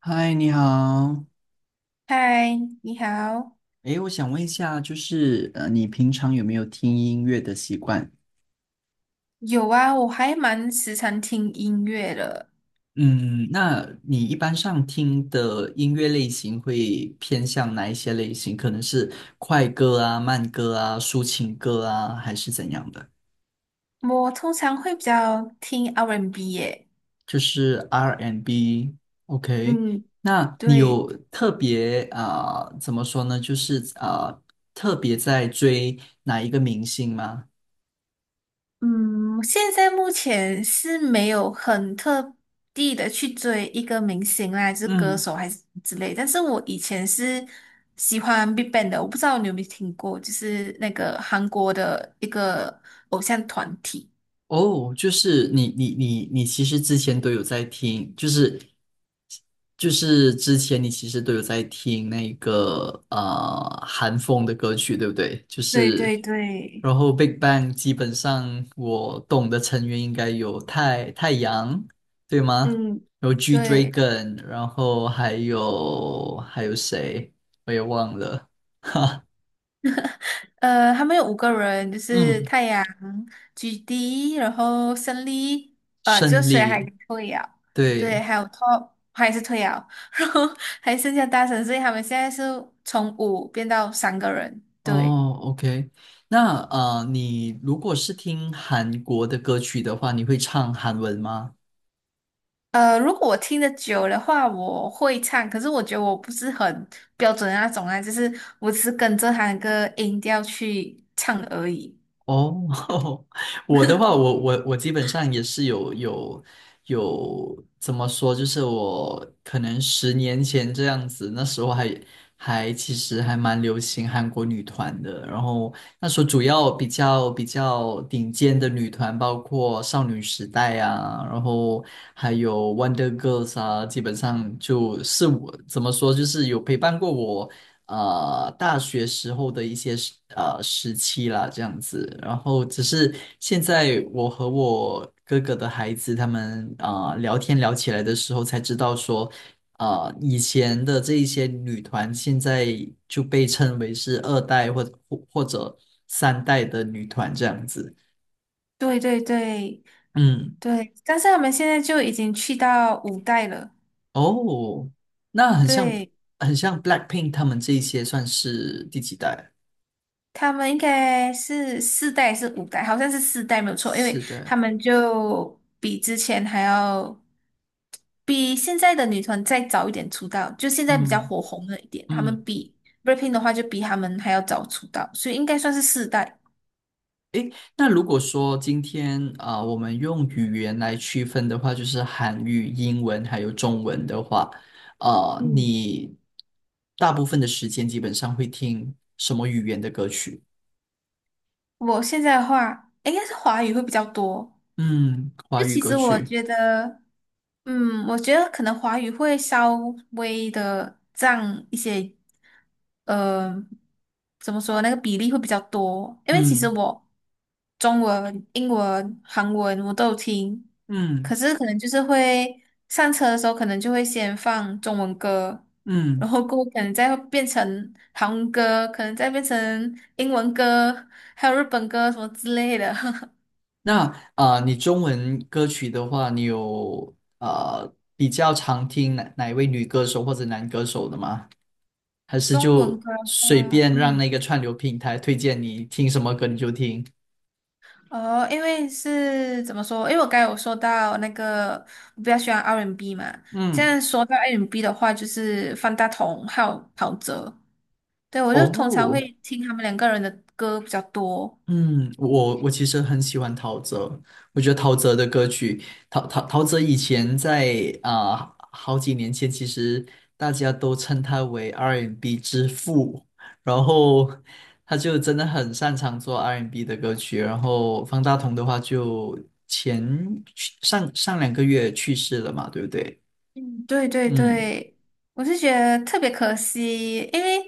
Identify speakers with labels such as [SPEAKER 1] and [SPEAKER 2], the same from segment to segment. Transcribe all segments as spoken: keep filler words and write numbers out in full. [SPEAKER 1] 嗨，你好。
[SPEAKER 2] 嗨，你好。
[SPEAKER 1] 诶，我想问一下，就是呃，你平常有没有听音乐的习惯？
[SPEAKER 2] 有啊，我还蛮时常听音乐的。
[SPEAKER 1] 嗯，那你一般上听的音乐类型会偏向哪一些类型？可能是快歌啊、慢歌啊、抒情歌啊，还是怎样的？
[SPEAKER 2] 我通常会比较听 R&B 耶。
[SPEAKER 1] 就是 R and B and B。OK，
[SPEAKER 2] 嗯，
[SPEAKER 1] 那你
[SPEAKER 2] 对，
[SPEAKER 1] 有特别啊、呃怎么说呢？就是啊、呃特别在追哪一个明星吗？
[SPEAKER 2] 嗯，现在目前是没有很特地的去追一个明星啦，就是歌
[SPEAKER 1] 嗯。
[SPEAKER 2] 手还是之类。但是我以前是喜欢 BigBang 的，我不知道你有没有听过，就是那个韩国的一个偶像团体。
[SPEAKER 1] 哦，就是你你你你其实之前都有在听，就是就是之前你其实都有在听那个呃韩风的歌曲，对不对？就
[SPEAKER 2] 对
[SPEAKER 1] 是
[SPEAKER 2] 对对，
[SPEAKER 1] 然后 Big Bang 基本上我懂的成员应该有太太阳，对吗？
[SPEAKER 2] 嗯，
[SPEAKER 1] 然后 G
[SPEAKER 2] 对。
[SPEAKER 1] Dragon，然后还有还有谁？我也忘了。
[SPEAKER 2] 呃，他们有五个人，就是
[SPEAKER 1] 嗯，
[SPEAKER 2] 太阳、菊地，然后胜利，呃，就
[SPEAKER 1] 胜
[SPEAKER 2] 谁还
[SPEAKER 1] 利，
[SPEAKER 2] 退了，对，
[SPEAKER 1] 对。
[SPEAKER 2] 还有 Top 还是退啊？然后还剩下大神，所以他们现在是从五变到三个人，对。
[SPEAKER 1] 哦，OK，那呃，你如果是听韩国的歌曲的话，你会唱韩文吗？
[SPEAKER 2] 呃，如果我听得久的话，我会唱，可是我觉得我不是很标准的那种啊，就是我只是跟着他那个音调去唱而已。
[SPEAKER 1] 哦，我的话，我我我基本上也是有有有怎么说，就是我可能十年前这样子，那时候还还其实还蛮流行韩国女团的，然后那时候主要比较比较顶尖的女团包括少女时代啊，然后还有 Wonder Girls 啊，基本上就是我怎么说，就是有陪伴过我。呃大学时候的一些时呃时期啦，这样子。然后只是现在我和我哥哥的孩子他们啊聊天聊起来的时候，才知道说，呃以前的这一些女团现在就被称为是二代或或或者三代的女团这样子。
[SPEAKER 2] 对对对
[SPEAKER 1] 嗯，
[SPEAKER 2] 对，但是他们现在就已经去到五代了，
[SPEAKER 1] 哦，那很像
[SPEAKER 2] 对。
[SPEAKER 1] 很像 Blackpink 他们这一些算是第几代？
[SPEAKER 2] 他们应该是四代还是五代，好像是四代没有错，因为
[SPEAKER 1] 四
[SPEAKER 2] 他
[SPEAKER 1] 代。
[SPEAKER 2] 们就比之前还要比现在的女团再早一点出道，就现在比较
[SPEAKER 1] 嗯
[SPEAKER 2] 火红了一点。他们
[SPEAKER 1] 嗯。
[SPEAKER 2] 比 b l a c k p i n 的话，就比他们还要早出道，所以应该算是四代。
[SPEAKER 1] 诶，那如果说今天啊、我们用语言来区分的话，就是韩语、英文还有中文的话，啊，
[SPEAKER 2] 嗯，
[SPEAKER 1] 你大部分的时间基本上会听什么语言的歌曲？
[SPEAKER 2] 我现在的话，应该是华语会比较多。
[SPEAKER 1] 嗯，华
[SPEAKER 2] 就
[SPEAKER 1] 语
[SPEAKER 2] 其
[SPEAKER 1] 歌
[SPEAKER 2] 实我
[SPEAKER 1] 曲。
[SPEAKER 2] 觉得。嗯，我觉得可能华语会稍微的占一些，呃，怎么说那个比例会比较多，因为其实
[SPEAKER 1] 嗯
[SPEAKER 2] 我中文、英文、韩文我都有听，可
[SPEAKER 1] 嗯
[SPEAKER 2] 是可能就是会上车的时候可能就会先放中文歌，然
[SPEAKER 1] 嗯。
[SPEAKER 2] 后过后可能再变成韩文歌，可能再变成英文歌，还有日本歌什么之类的。
[SPEAKER 1] 那啊、呃你中文歌曲的话，你有啊比较常听哪哪一位女歌手或者男歌手的吗？还是
[SPEAKER 2] 中文
[SPEAKER 1] 就
[SPEAKER 2] 歌的
[SPEAKER 1] 随
[SPEAKER 2] 话，
[SPEAKER 1] 便让
[SPEAKER 2] 嗯。
[SPEAKER 1] 那个串流平台推荐你听什么歌你就听？
[SPEAKER 2] 哦，因为是怎么说？因为我刚才有说到那个我比较喜欢 R and B 嘛，这
[SPEAKER 1] 嗯，
[SPEAKER 2] 样说到 R and B 的话，就是方大同还有陶喆，对，我就通常会
[SPEAKER 1] 哦，
[SPEAKER 2] 听他们两个人的歌比较多。
[SPEAKER 1] 嗯，我我其实很喜欢陶喆，我觉得陶喆的歌曲，陶陶陶喆以前在啊、好几年前，其实大家都称他为 R and B 之父，然后他就真的很擅长做 R and B 的歌曲，然后方大同的话就前上上两个月去世了嘛，对不对？
[SPEAKER 2] 嗯对对
[SPEAKER 1] 嗯。
[SPEAKER 2] 对，我是觉得特别可惜，因为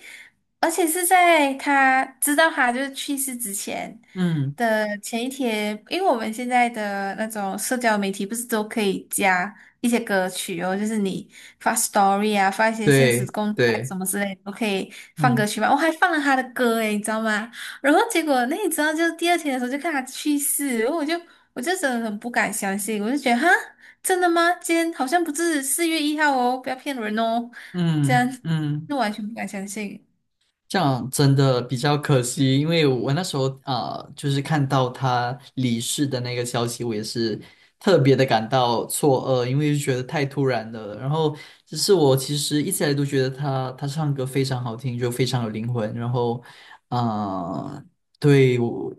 [SPEAKER 2] 而且是在他知道他就是去世之前
[SPEAKER 1] 嗯，
[SPEAKER 2] 的前一天，因为我们现在的那种社交媒体不是都可以加一些歌曲哦，就是你发 story 啊，发一些现实
[SPEAKER 1] 对
[SPEAKER 2] 动态
[SPEAKER 1] 对，
[SPEAKER 2] 什么之类的，都可以放歌
[SPEAKER 1] 嗯
[SPEAKER 2] 曲嘛。我还放了他的歌诶，你知道吗？然后结果那你知道，就第二天的时候就看他去世，然后我就我就真的很不敢相信，我就觉得哈。真的吗？今天好像不是四月一号哦，不要骗人哦。这样，
[SPEAKER 1] 嗯嗯。
[SPEAKER 2] 那完全不敢相信。
[SPEAKER 1] 这样真的比较可惜，因为我那时候啊、呃就是看到他离世的那个消息，我也是特别的感到错愕，因为就觉得太突然了。然后，只是我其实一直以来都觉得他他唱歌非常好听，就非常有灵魂。然后，啊、对，我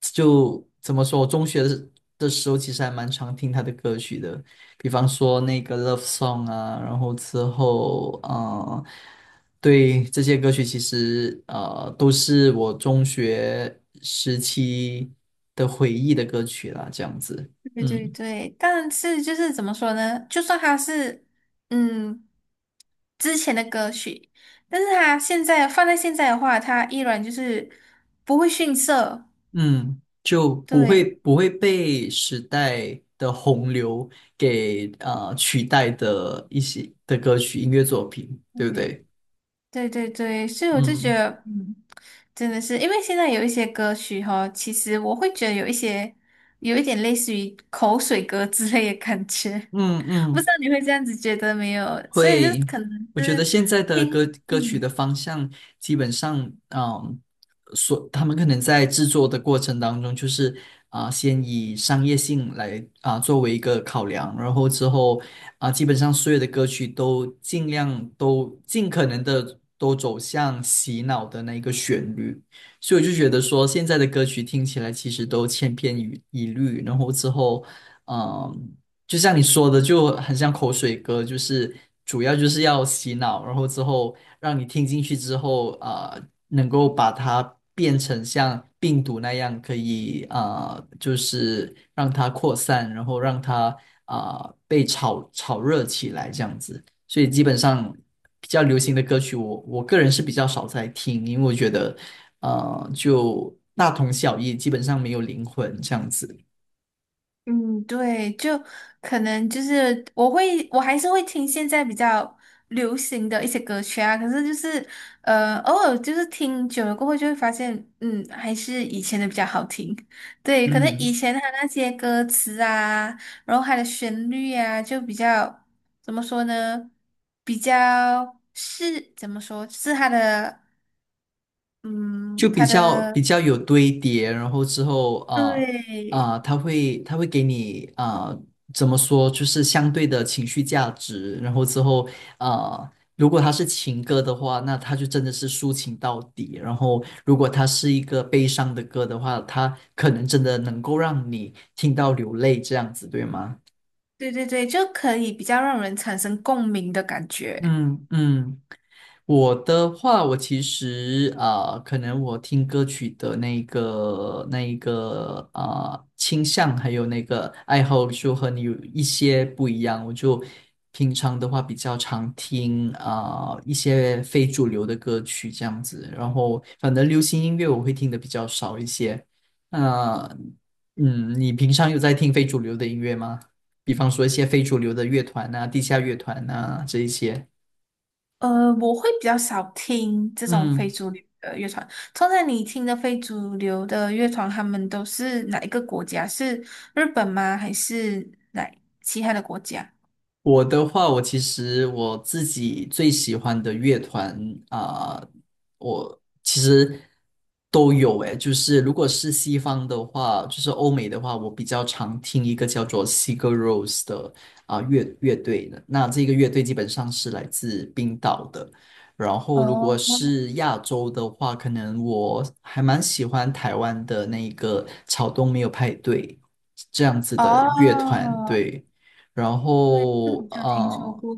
[SPEAKER 1] 就怎么说，我中学的的时候其实还蛮常听他的歌曲的，比方说那个《Love Song》啊，然后之后，嗯、对，这些歌曲其实呃都是我中学时期的回忆的歌曲啦，这样子，
[SPEAKER 2] 对对
[SPEAKER 1] 嗯
[SPEAKER 2] 对，但是就是怎么说呢？就算他是嗯之前的歌曲，但是他现在放在现在的话，他依然就是不会逊色。
[SPEAKER 1] 嗯，就不会
[SPEAKER 2] 对，
[SPEAKER 1] 不会被时代的洪流给呃取代的一些的歌曲音乐作品，对不对？
[SPEAKER 2] 对对对对，所以我就觉
[SPEAKER 1] 嗯
[SPEAKER 2] 得，嗯，真的是因为现在有一些歌曲哈，其实我会觉得有一些有一点类似于口水歌之类的感觉。
[SPEAKER 1] 嗯
[SPEAKER 2] 不知
[SPEAKER 1] 嗯，
[SPEAKER 2] 道你会这样子觉得没有？所以就
[SPEAKER 1] 会，
[SPEAKER 2] 可能
[SPEAKER 1] 我觉得
[SPEAKER 2] 是
[SPEAKER 1] 现在的
[SPEAKER 2] 听，
[SPEAKER 1] 歌歌曲
[SPEAKER 2] 嗯
[SPEAKER 1] 的方向基本上，嗯，所他们可能在制作的过程当中，就是啊、先以商业性来啊、作为一个考量，然后之后啊、基本上所有的歌曲都尽量都尽可能的都走向洗脑的那一个旋律，所以我就觉得说，现在的歌曲听起来其实都千篇一一律，然后之后。嗯就像你说的，就很像口水歌，就是主要就是要洗脑，然后之后让你听进去之后，呃，能够把它变成像病毒那样，可以呃，就是让它扩散，然后让它啊、呃被炒炒热起来这样子。所以基本上比较流行的歌曲我，我个人是比较少在听，因为我觉得呃就大同小异，基本上没有灵魂这样子。
[SPEAKER 2] 嗯，对，就可能就是我会，我还是会听现在比较流行的一些歌曲啊。可是就是呃，偶尔就是听久了过后，就会发现，嗯，还是以前的比较好听。对，可能以
[SPEAKER 1] 嗯。
[SPEAKER 2] 前他那些歌词啊，然后它的旋律啊，就比较怎么说呢？比较是怎么说？是它的。嗯，
[SPEAKER 1] 就比
[SPEAKER 2] 他
[SPEAKER 1] 较比
[SPEAKER 2] 的
[SPEAKER 1] 较有堆叠，然后之后啊
[SPEAKER 2] 对，
[SPEAKER 1] 啊，他会他会给你啊、呃怎么说，就是相对的情绪价值，然后之后啊、呃如果它是情歌的话，那它就真的是抒情到底；然后如果它是一个悲伤的歌的话，它可能真的能够让你听到流泪，这样子，对吗？
[SPEAKER 2] 对对对，就可以比较让人产生共鸣的感觉。
[SPEAKER 1] 嗯嗯。我的话，我其实啊、呃可能我听歌曲的那个那一个啊、呃倾向，还有那个爱好，就和你有一些不一样。我就平常的话比较常听啊、呃一些非主流的歌曲这样子，然后反正流行音乐我会听的比较少一些。那、嗯，你平常有在听非主流的音乐吗？比方说一些非主流的乐团呐、地下乐团呐这一些。
[SPEAKER 2] 呃，我会比较少听这种非
[SPEAKER 1] 嗯。
[SPEAKER 2] 主流的乐团。通常你听的非主流的乐团，他们都是哪一个国家？是日本吗？还是哪其他的国家？
[SPEAKER 1] 我的话，我其实我自己最喜欢的乐团啊、我其实都有诶。就是如果是西方的话，就是欧美的话，我比较常听一个叫做 Sigur Rós 的啊、乐乐队的。那这个乐队基本上是来自冰岛的。然后如果
[SPEAKER 2] 哦
[SPEAKER 1] 是亚洲的话，可能我还蛮喜欢台湾的那个草东没有派对这样子的乐团，
[SPEAKER 2] 哦，
[SPEAKER 1] 对。然
[SPEAKER 2] 对，这
[SPEAKER 1] 后
[SPEAKER 2] 种就听说
[SPEAKER 1] 嗯，
[SPEAKER 2] 过。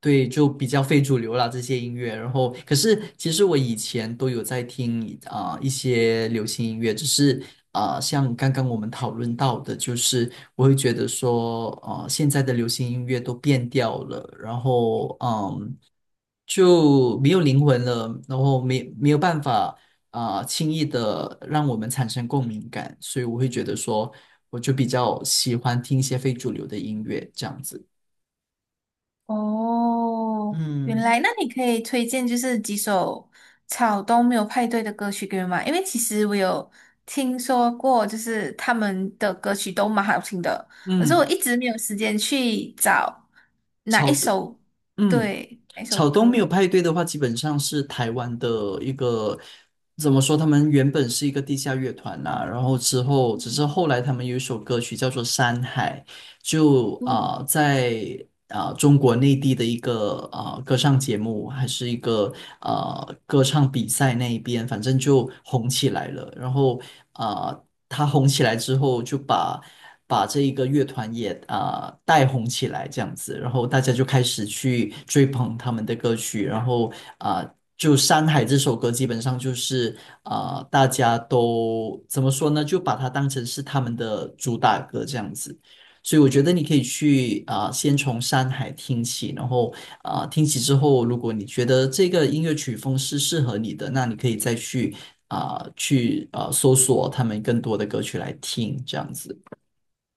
[SPEAKER 1] 对，就比较非主流啦这些音乐。然后，可是其实我以前都有在听啊、一些流行音乐，只是啊、像刚刚我们讨论到的，就是我会觉得说，啊、现在的流行音乐都变调了，然后嗯。就没有灵魂了，然后没没有办法啊、呃轻易的让我们产生共鸣感，所以我会觉得说，我就比较喜欢听一些非主流的音乐这样子。
[SPEAKER 2] 哦，原
[SPEAKER 1] 嗯，
[SPEAKER 2] 来那你可以推荐就是几首草东没有派对的歌曲给我吗？因为其实我有听说过，就是他们的歌曲都蛮好听的，可是我
[SPEAKER 1] 嗯，
[SPEAKER 2] 一直没有时间去找哪
[SPEAKER 1] 草
[SPEAKER 2] 一
[SPEAKER 1] 东，
[SPEAKER 2] 首，
[SPEAKER 1] 嗯，
[SPEAKER 2] 对，哪一首
[SPEAKER 1] 草东没有
[SPEAKER 2] 歌。
[SPEAKER 1] 派对的话，基本上是台湾的一个，怎么说？他们原本是一个地下乐团呐、然后之后只是后来他们有一首歌曲叫做《山海》，就
[SPEAKER 2] 嗯，
[SPEAKER 1] 啊、呃在啊、呃中国内地的一个啊、呃歌唱节目，还是一个呃歌唱比赛那一边，反正就红起来了。然后啊、呃他红起来之后，就把把这一个乐团也啊、呃带红起来，这样子，然后大家就开始去追捧他们的歌曲，然后啊。呃就《山海》这首歌，基本上就是啊、呃大家都怎么说呢？就把它当成是他们的主打歌这样子。所以我觉得你可以去啊、呃先从山海听起，然后啊、呃听起之后，如果你觉得这个音乐曲风是适合你的，那你可以再去啊、呃去啊、呃搜索他们更多的歌曲来听，这样子。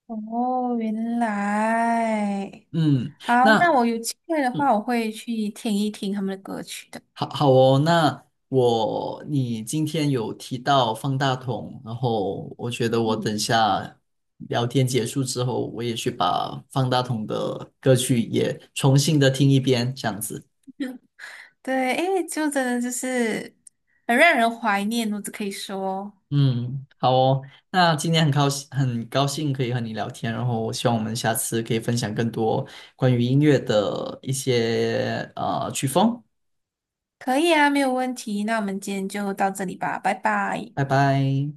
[SPEAKER 2] 哦，原来，
[SPEAKER 1] 嗯，
[SPEAKER 2] 好，那
[SPEAKER 1] 那
[SPEAKER 2] 我有机会的
[SPEAKER 1] 嗯，
[SPEAKER 2] 话，我会去听一听他们的歌曲的。
[SPEAKER 1] 好好哦，那我你今天有提到方大同，然后我觉得我
[SPEAKER 2] 嗯。
[SPEAKER 1] 等下聊天结束之后，我也去把方大同的歌曲也重新的听一遍，这样子。
[SPEAKER 2] 对，因为就真的就是很让人怀念，我只可以说，
[SPEAKER 1] 嗯，好哦。那今天很高兴，很高兴可以和你聊天，然后我希望我们下次可以分享更多关于音乐的一些呃曲风。
[SPEAKER 2] 可以啊，没有问题。那我们今天就到这里吧，拜拜。
[SPEAKER 1] 拜拜。